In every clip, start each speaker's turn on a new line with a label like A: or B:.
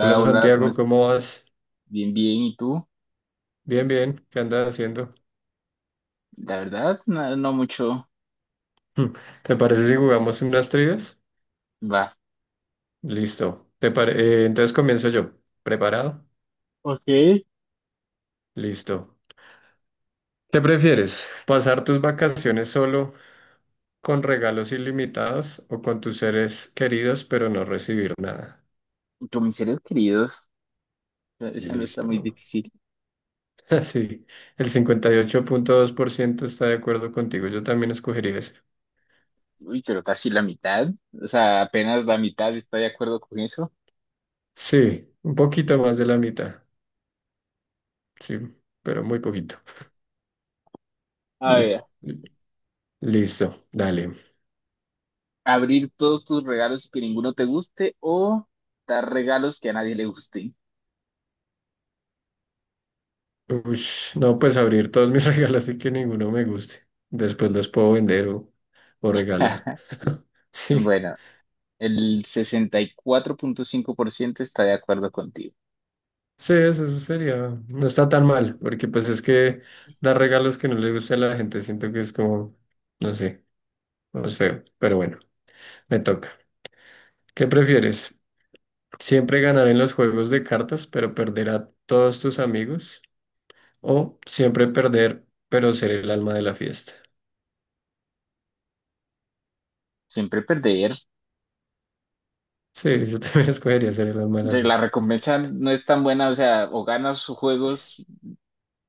A: Hola
B: hola, ¿cómo
A: Santiago,
B: estás?
A: ¿cómo vas?
B: Bien, bien, ¿y tú?
A: Bien, bien, ¿qué andas haciendo?
B: La verdad, no, no mucho.
A: Hmm, ¿Te parece si jugamos unas trivias?
B: Va.
A: Listo. Entonces comienzo yo. ¿Preparado?
B: Ok.
A: Listo. ¿Qué prefieres? ¿Pasar tus vacaciones solo con regalos ilimitados o con tus seres queridos pero no recibir nada?
B: Con mis seres queridos. Esa no está muy
A: Listo.
B: difícil.
A: Sí, el 58.2% está de acuerdo contigo. Yo también escogería eso.
B: Uy, pero casi la mitad, o sea, apenas la mitad está de acuerdo con eso.
A: Sí, un poquito más de la mitad. Sí, pero muy poquito.
B: A ver,
A: L- Listo, dale.
B: abrir todos tus regalos y que ninguno te guste o dar regalos que a nadie le gusten.
A: Ush, no, pues abrir todos mis regalos y que ninguno me guste. Después los puedo vender o regalar. Sí,
B: Bueno, el 64,5% está de acuerdo contigo.
A: sí, eso sería. No está tan mal, porque pues es que dar regalos que no le guste a la gente siento que es como, no sé, es feo. Pero bueno, me toca. ¿Qué prefieres? ¿Siempre ganar en los juegos de cartas, pero perder a todos tus amigos? ¿O siempre perder, pero ser el alma de la fiesta?
B: Siempre perder.
A: Sí, yo también escogería ser el alma de la
B: De La
A: fiesta.
B: recompensa no es tan buena, o sea, o ganas juegos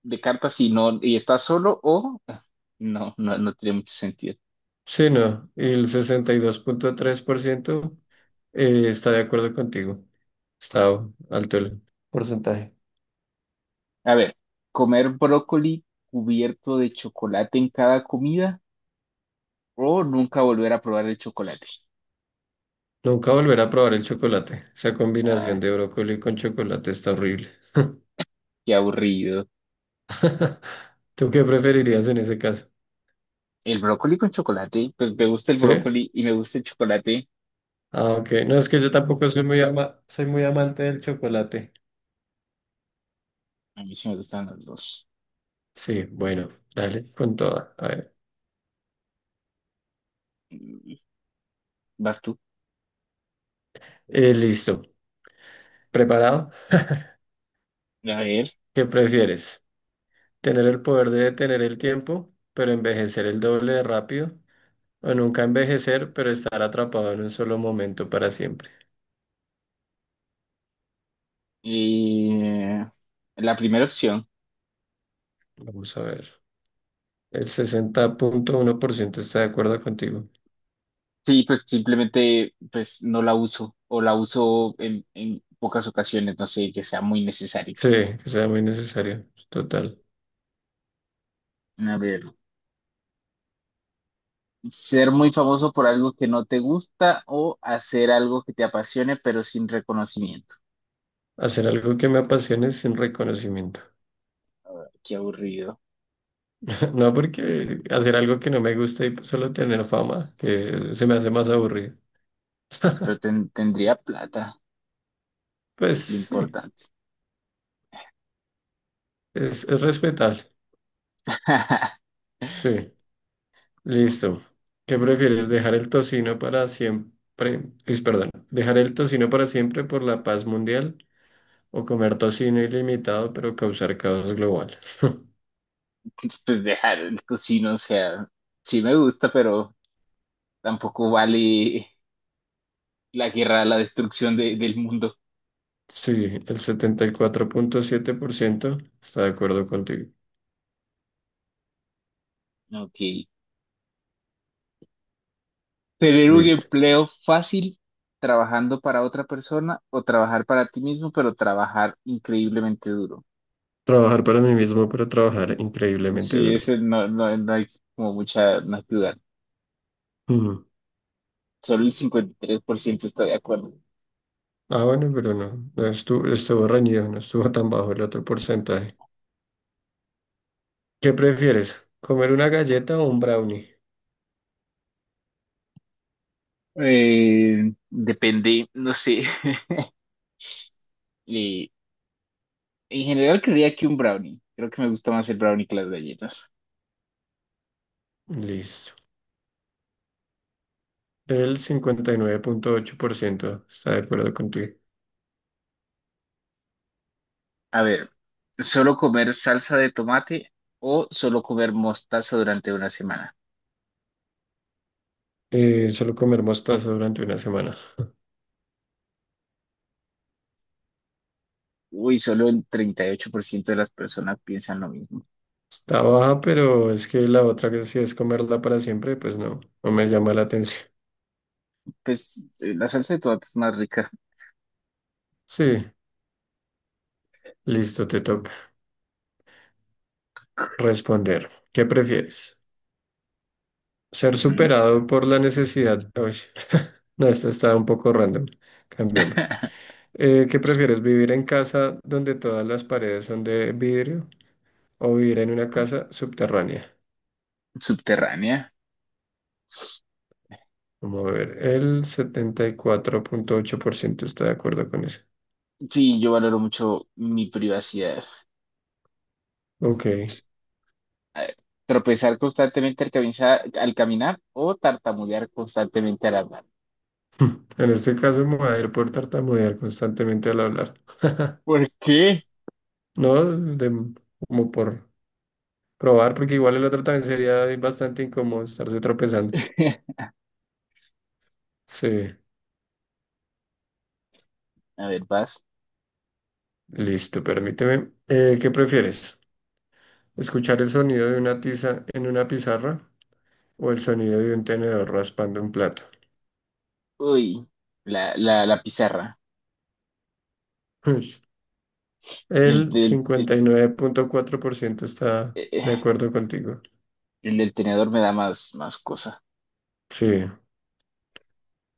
B: de cartas y no, y estás solo o no, no, no tiene mucho sentido.
A: Sí, no, y el 62.3% está de acuerdo contigo. Está alto el porcentaje.
B: A ver, comer brócoli cubierto de chocolate en cada comida o nunca volver a probar el chocolate.
A: Nunca volver a probar el chocolate. Esa combinación
B: Ah,
A: de brócoli con chocolate está horrible.
B: qué aburrido.
A: ¿Tú qué preferirías en ese caso?
B: El brócoli con chocolate, pues me gusta el
A: ¿Sí?
B: brócoli y me gusta el chocolate.
A: Ah, ok. No, es que yo tampoco soy soy muy amante del chocolate.
B: A mí sí me gustan los dos.
A: Sí, bueno, dale con toda. A ver.
B: Mm, Vas tú.
A: Listo. ¿Preparado?
B: A ver.
A: ¿Qué prefieres? ¿Tener el poder de detener el tiempo, pero envejecer el doble de rápido? O nunca envejecer, pero estar atrapado en un solo momento para siempre.
B: eh, la primera opción.
A: Vamos a ver. El 60.1% está de acuerdo contigo.
B: Sí, pues simplemente pues no la uso o la uso en pocas ocasiones, no sé, que sea muy necesario.
A: Sí, que sea muy necesario. Total.
B: A ver, ser muy famoso por algo que no te gusta o hacer algo que te apasione pero sin reconocimiento.
A: Hacer algo que me apasione sin reconocimiento.
B: Qué aburrido,
A: No porque hacer algo que no me gusta y solo tener fama, que se me hace más aburrido.
B: pero tendría plata, que
A: Pues
B: es lo
A: sí,
B: importante.
A: es respetable. Sí, listo. ¿Qué prefieres? ¿Dejar el tocino para siempre? Uy, perdón. ¿Dejar el tocino para siempre por la paz mundial o comer tocino ilimitado, pero causar caos global?
B: Pues dejar el cocino, o sea, sí me gusta, pero tampoco vale la guerra, la destrucción del mundo.
A: Sí, el 74.7% está de acuerdo contigo.
B: Ok. Tener un
A: Listo.
B: empleo fácil trabajando para otra persona o trabajar para ti mismo, pero trabajar increíblemente duro.
A: Trabajar para mí mismo, pero trabajar increíblemente
B: Sí,
A: duro.
B: ese no, no, no hay como mucha no hay que dudar.
A: Ujú.
B: Solo el 53% está de acuerdo.
A: Ah, bueno, pero no, no estuvo reñido, no estuvo tan bajo el otro porcentaje. ¿Qué prefieres? ¿Comer una galleta o un brownie?
B: Depende, no sé. Eh, en general creía que un brownie. Creo que me gusta más el brownie que las galletas.
A: Listo. El 59.8% está de acuerdo contigo.
B: A ver, ¿solo comer salsa de tomate o solo comer mostaza durante una semana?
A: Solo comer mostaza durante una semana.
B: Uy, solo el 38% de las personas piensan lo mismo.
A: Está baja, pero es que la otra que si es comerla para siempre, pues no, no me llama la atención.
B: Pues la salsa de tomate es más rica.
A: Sí, listo, te toca responder. ¿Qué prefieres? ¿Ser
B: Ujú.
A: superado por la necesidad? Uy, no, esta está un poco random. Cambiemos. ¿Qué prefieres? ¿Vivir en casa donde todas las paredes son de vidrio o vivir en una casa subterránea?
B: Subterránea.
A: Vamos a ver, el 74.8% está de acuerdo con eso.
B: Sí, yo valoro mucho mi privacidad.
A: Ok.
B: A ver, tropezar constantemente al caminar o tartamudear constantemente al hablar.
A: En este caso me voy a ir por tartamudear constantemente al hablar.
B: ¿Por qué?
A: No, como por probar, porque igual el otro también sería bastante incómodo estarse tropezando. Sí,
B: A ver, vas.
A: listo, permíteme. ¿Qué prefieres? ¿Escuchar el sonido de una tiza en una pizarra o el sonido de un tenedor raspando un plato?
B: Uy, la pizarra.
A: Ush.
B: El
A: El
B: del,
A: 59.4% está
B: eh,
A: de
B: eh,
A: acuerdo contigo.
B: el del tenedor me da más cosa.
A: Sí,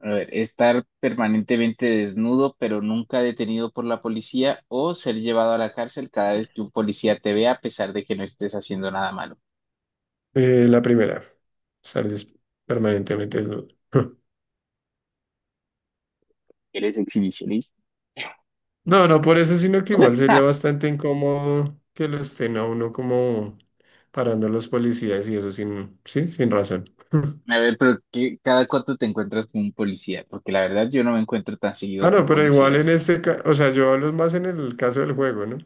B: A ver, estar permanentemente desnudo pero nunca detenido por la policía o ser llevado a la cárcel cada vez que un policía te vea a pesar de que no estés haciendo nada malo.
A: la primera, estar permanentemente desnudo.
B: ¿Eres exhibicionista?
A: No, no por eso, sino que igual sería bastante incómodo que lo estén a uno como parando los policías y eso sin, sí, sin razón.
B: A ver, pero ¿cada cuánto te encuentras con un policía? Porque la verdad yo no me encuentro tan
A: Ah,
B: seguido
A: no,
B: con
A: pero igual en
B: policías.
A: este caso, o sea, yo hablo más en el caso del juego, ¿no?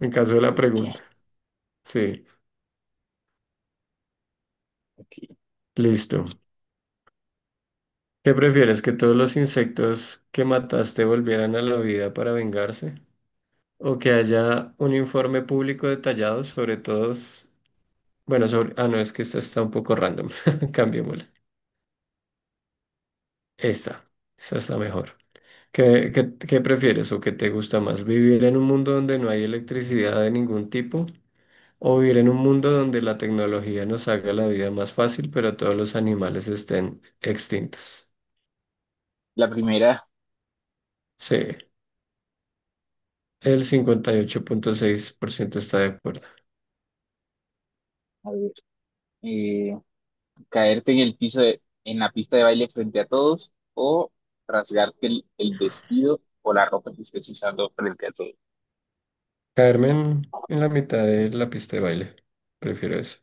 A: En caso de la
B: ¿Qué?
A: pregunta. Sí,
B: Ok.
A: listo. ¿Qué prefieres? ¿Que todos los insectos que mataste volvieran a la vida para vengarse? ¿O que haya un informe público detallado sobre todos? Bueno, sobre. Ah, no, es que esta está un poco random. Cambiémosla. Esta. Esta está mejor. ¿Qué prefieres o qué te gusta más? ¿Vivir en un mundo donde no hay electricidad de ningún tipo o vivir en un mundo donde la tecnología nos haga la vida más fácil, pero todos los animales estén extintos?
B: La primera.
A: Sí, el 58.6% está de acuerdo.
B: A ver, eh, caerte en el en la pista de baile frente a todos o rasgarte el vestido o la ropa que estés usando frente a todos.
A: Caerme en la mitad de la pista de baile, prefiero eso.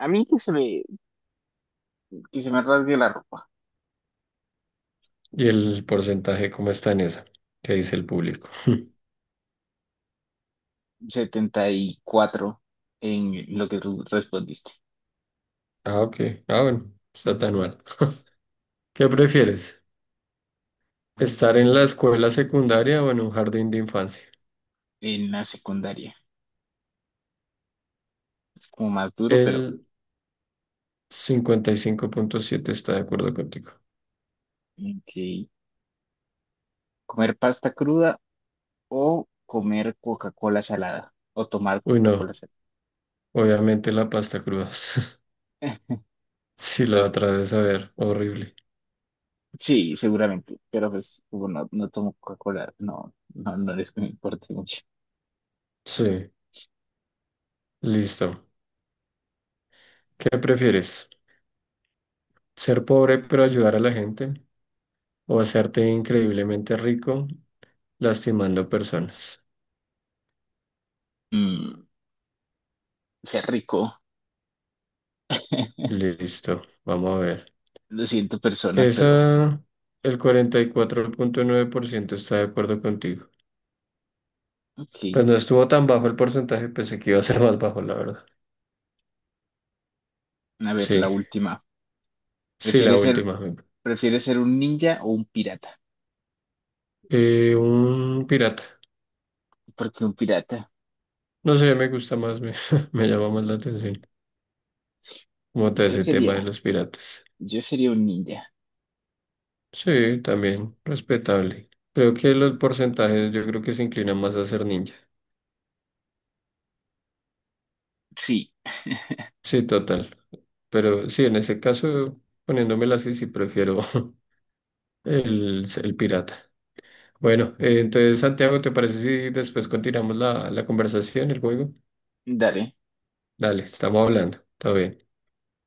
B: A mí que se me, Que se me rasgue la ropa.
A: ¿Y el porcentaje cómo está en esa? ¿Qué dice el público?
B: 74 en lo que tú respondiste.
A: Ah, ok. Ah, bueno, está tan mal. ¿Qué prefieres? Estar en la escuela secundaria o en un jardín de infancia.
B: En la secundaria. Es como más duro, pero
A: El 55.7 está de acuerdo contigo.
B: ok. Comer pasta cruda o comer Coca-Cola salada o tomar
A: Uy, no.
B: Coca-Cola salada.
A: Obviamente la pasta cruda.
B: Eh,
A: Si la otra de saber, horrible.
B: sí, seguramente, pero pues como no, no tomo Coca-Cola, no, no, no es que me importe mucho.
A: Sí, listo. ¿Qué prefieres? ¿Ser pobre pero ayudar a la gente? ¿O hacerte increíblemente rico lastimando personas?
B: Mm, Sea rico.
A: Listo, vamos a ver.
B: Lo siento, personas, pero
A: Esa, el 44.9% está de acuerdo contigo.
B: ok.
A: Pues no estuvo tan bajo el porcentaje, pensé que iba a ser más bajo, la verdad.
B: A ver, la
A: Sí,
B: última.
A: sí, la
B: ¿Prefieres ser,
A: última.
B: prefieres ser un ninja o un pirata?
A: Un pirata.
B: Porque un pirata.
A: No sé, me gusta más, me, me llama más la atención. Como todo
B: Yo
A: ese tema
B: sería,
A: de los piratas.
B: yo sería un ninja.
A: Sí, también, respetable. Creo que los porcentajes yo creo que se inclinan más a ser ninja.
B: Sí,
A: Sí, total. Pero sí, en ese caso, poniéndomela así, sí prefiero el pirata. Bueno, entonces, Santiago, ¿te parece si después continuamos la conversación, el juego?
B: dale.
A: Dale, estamos hablando. Todo bien.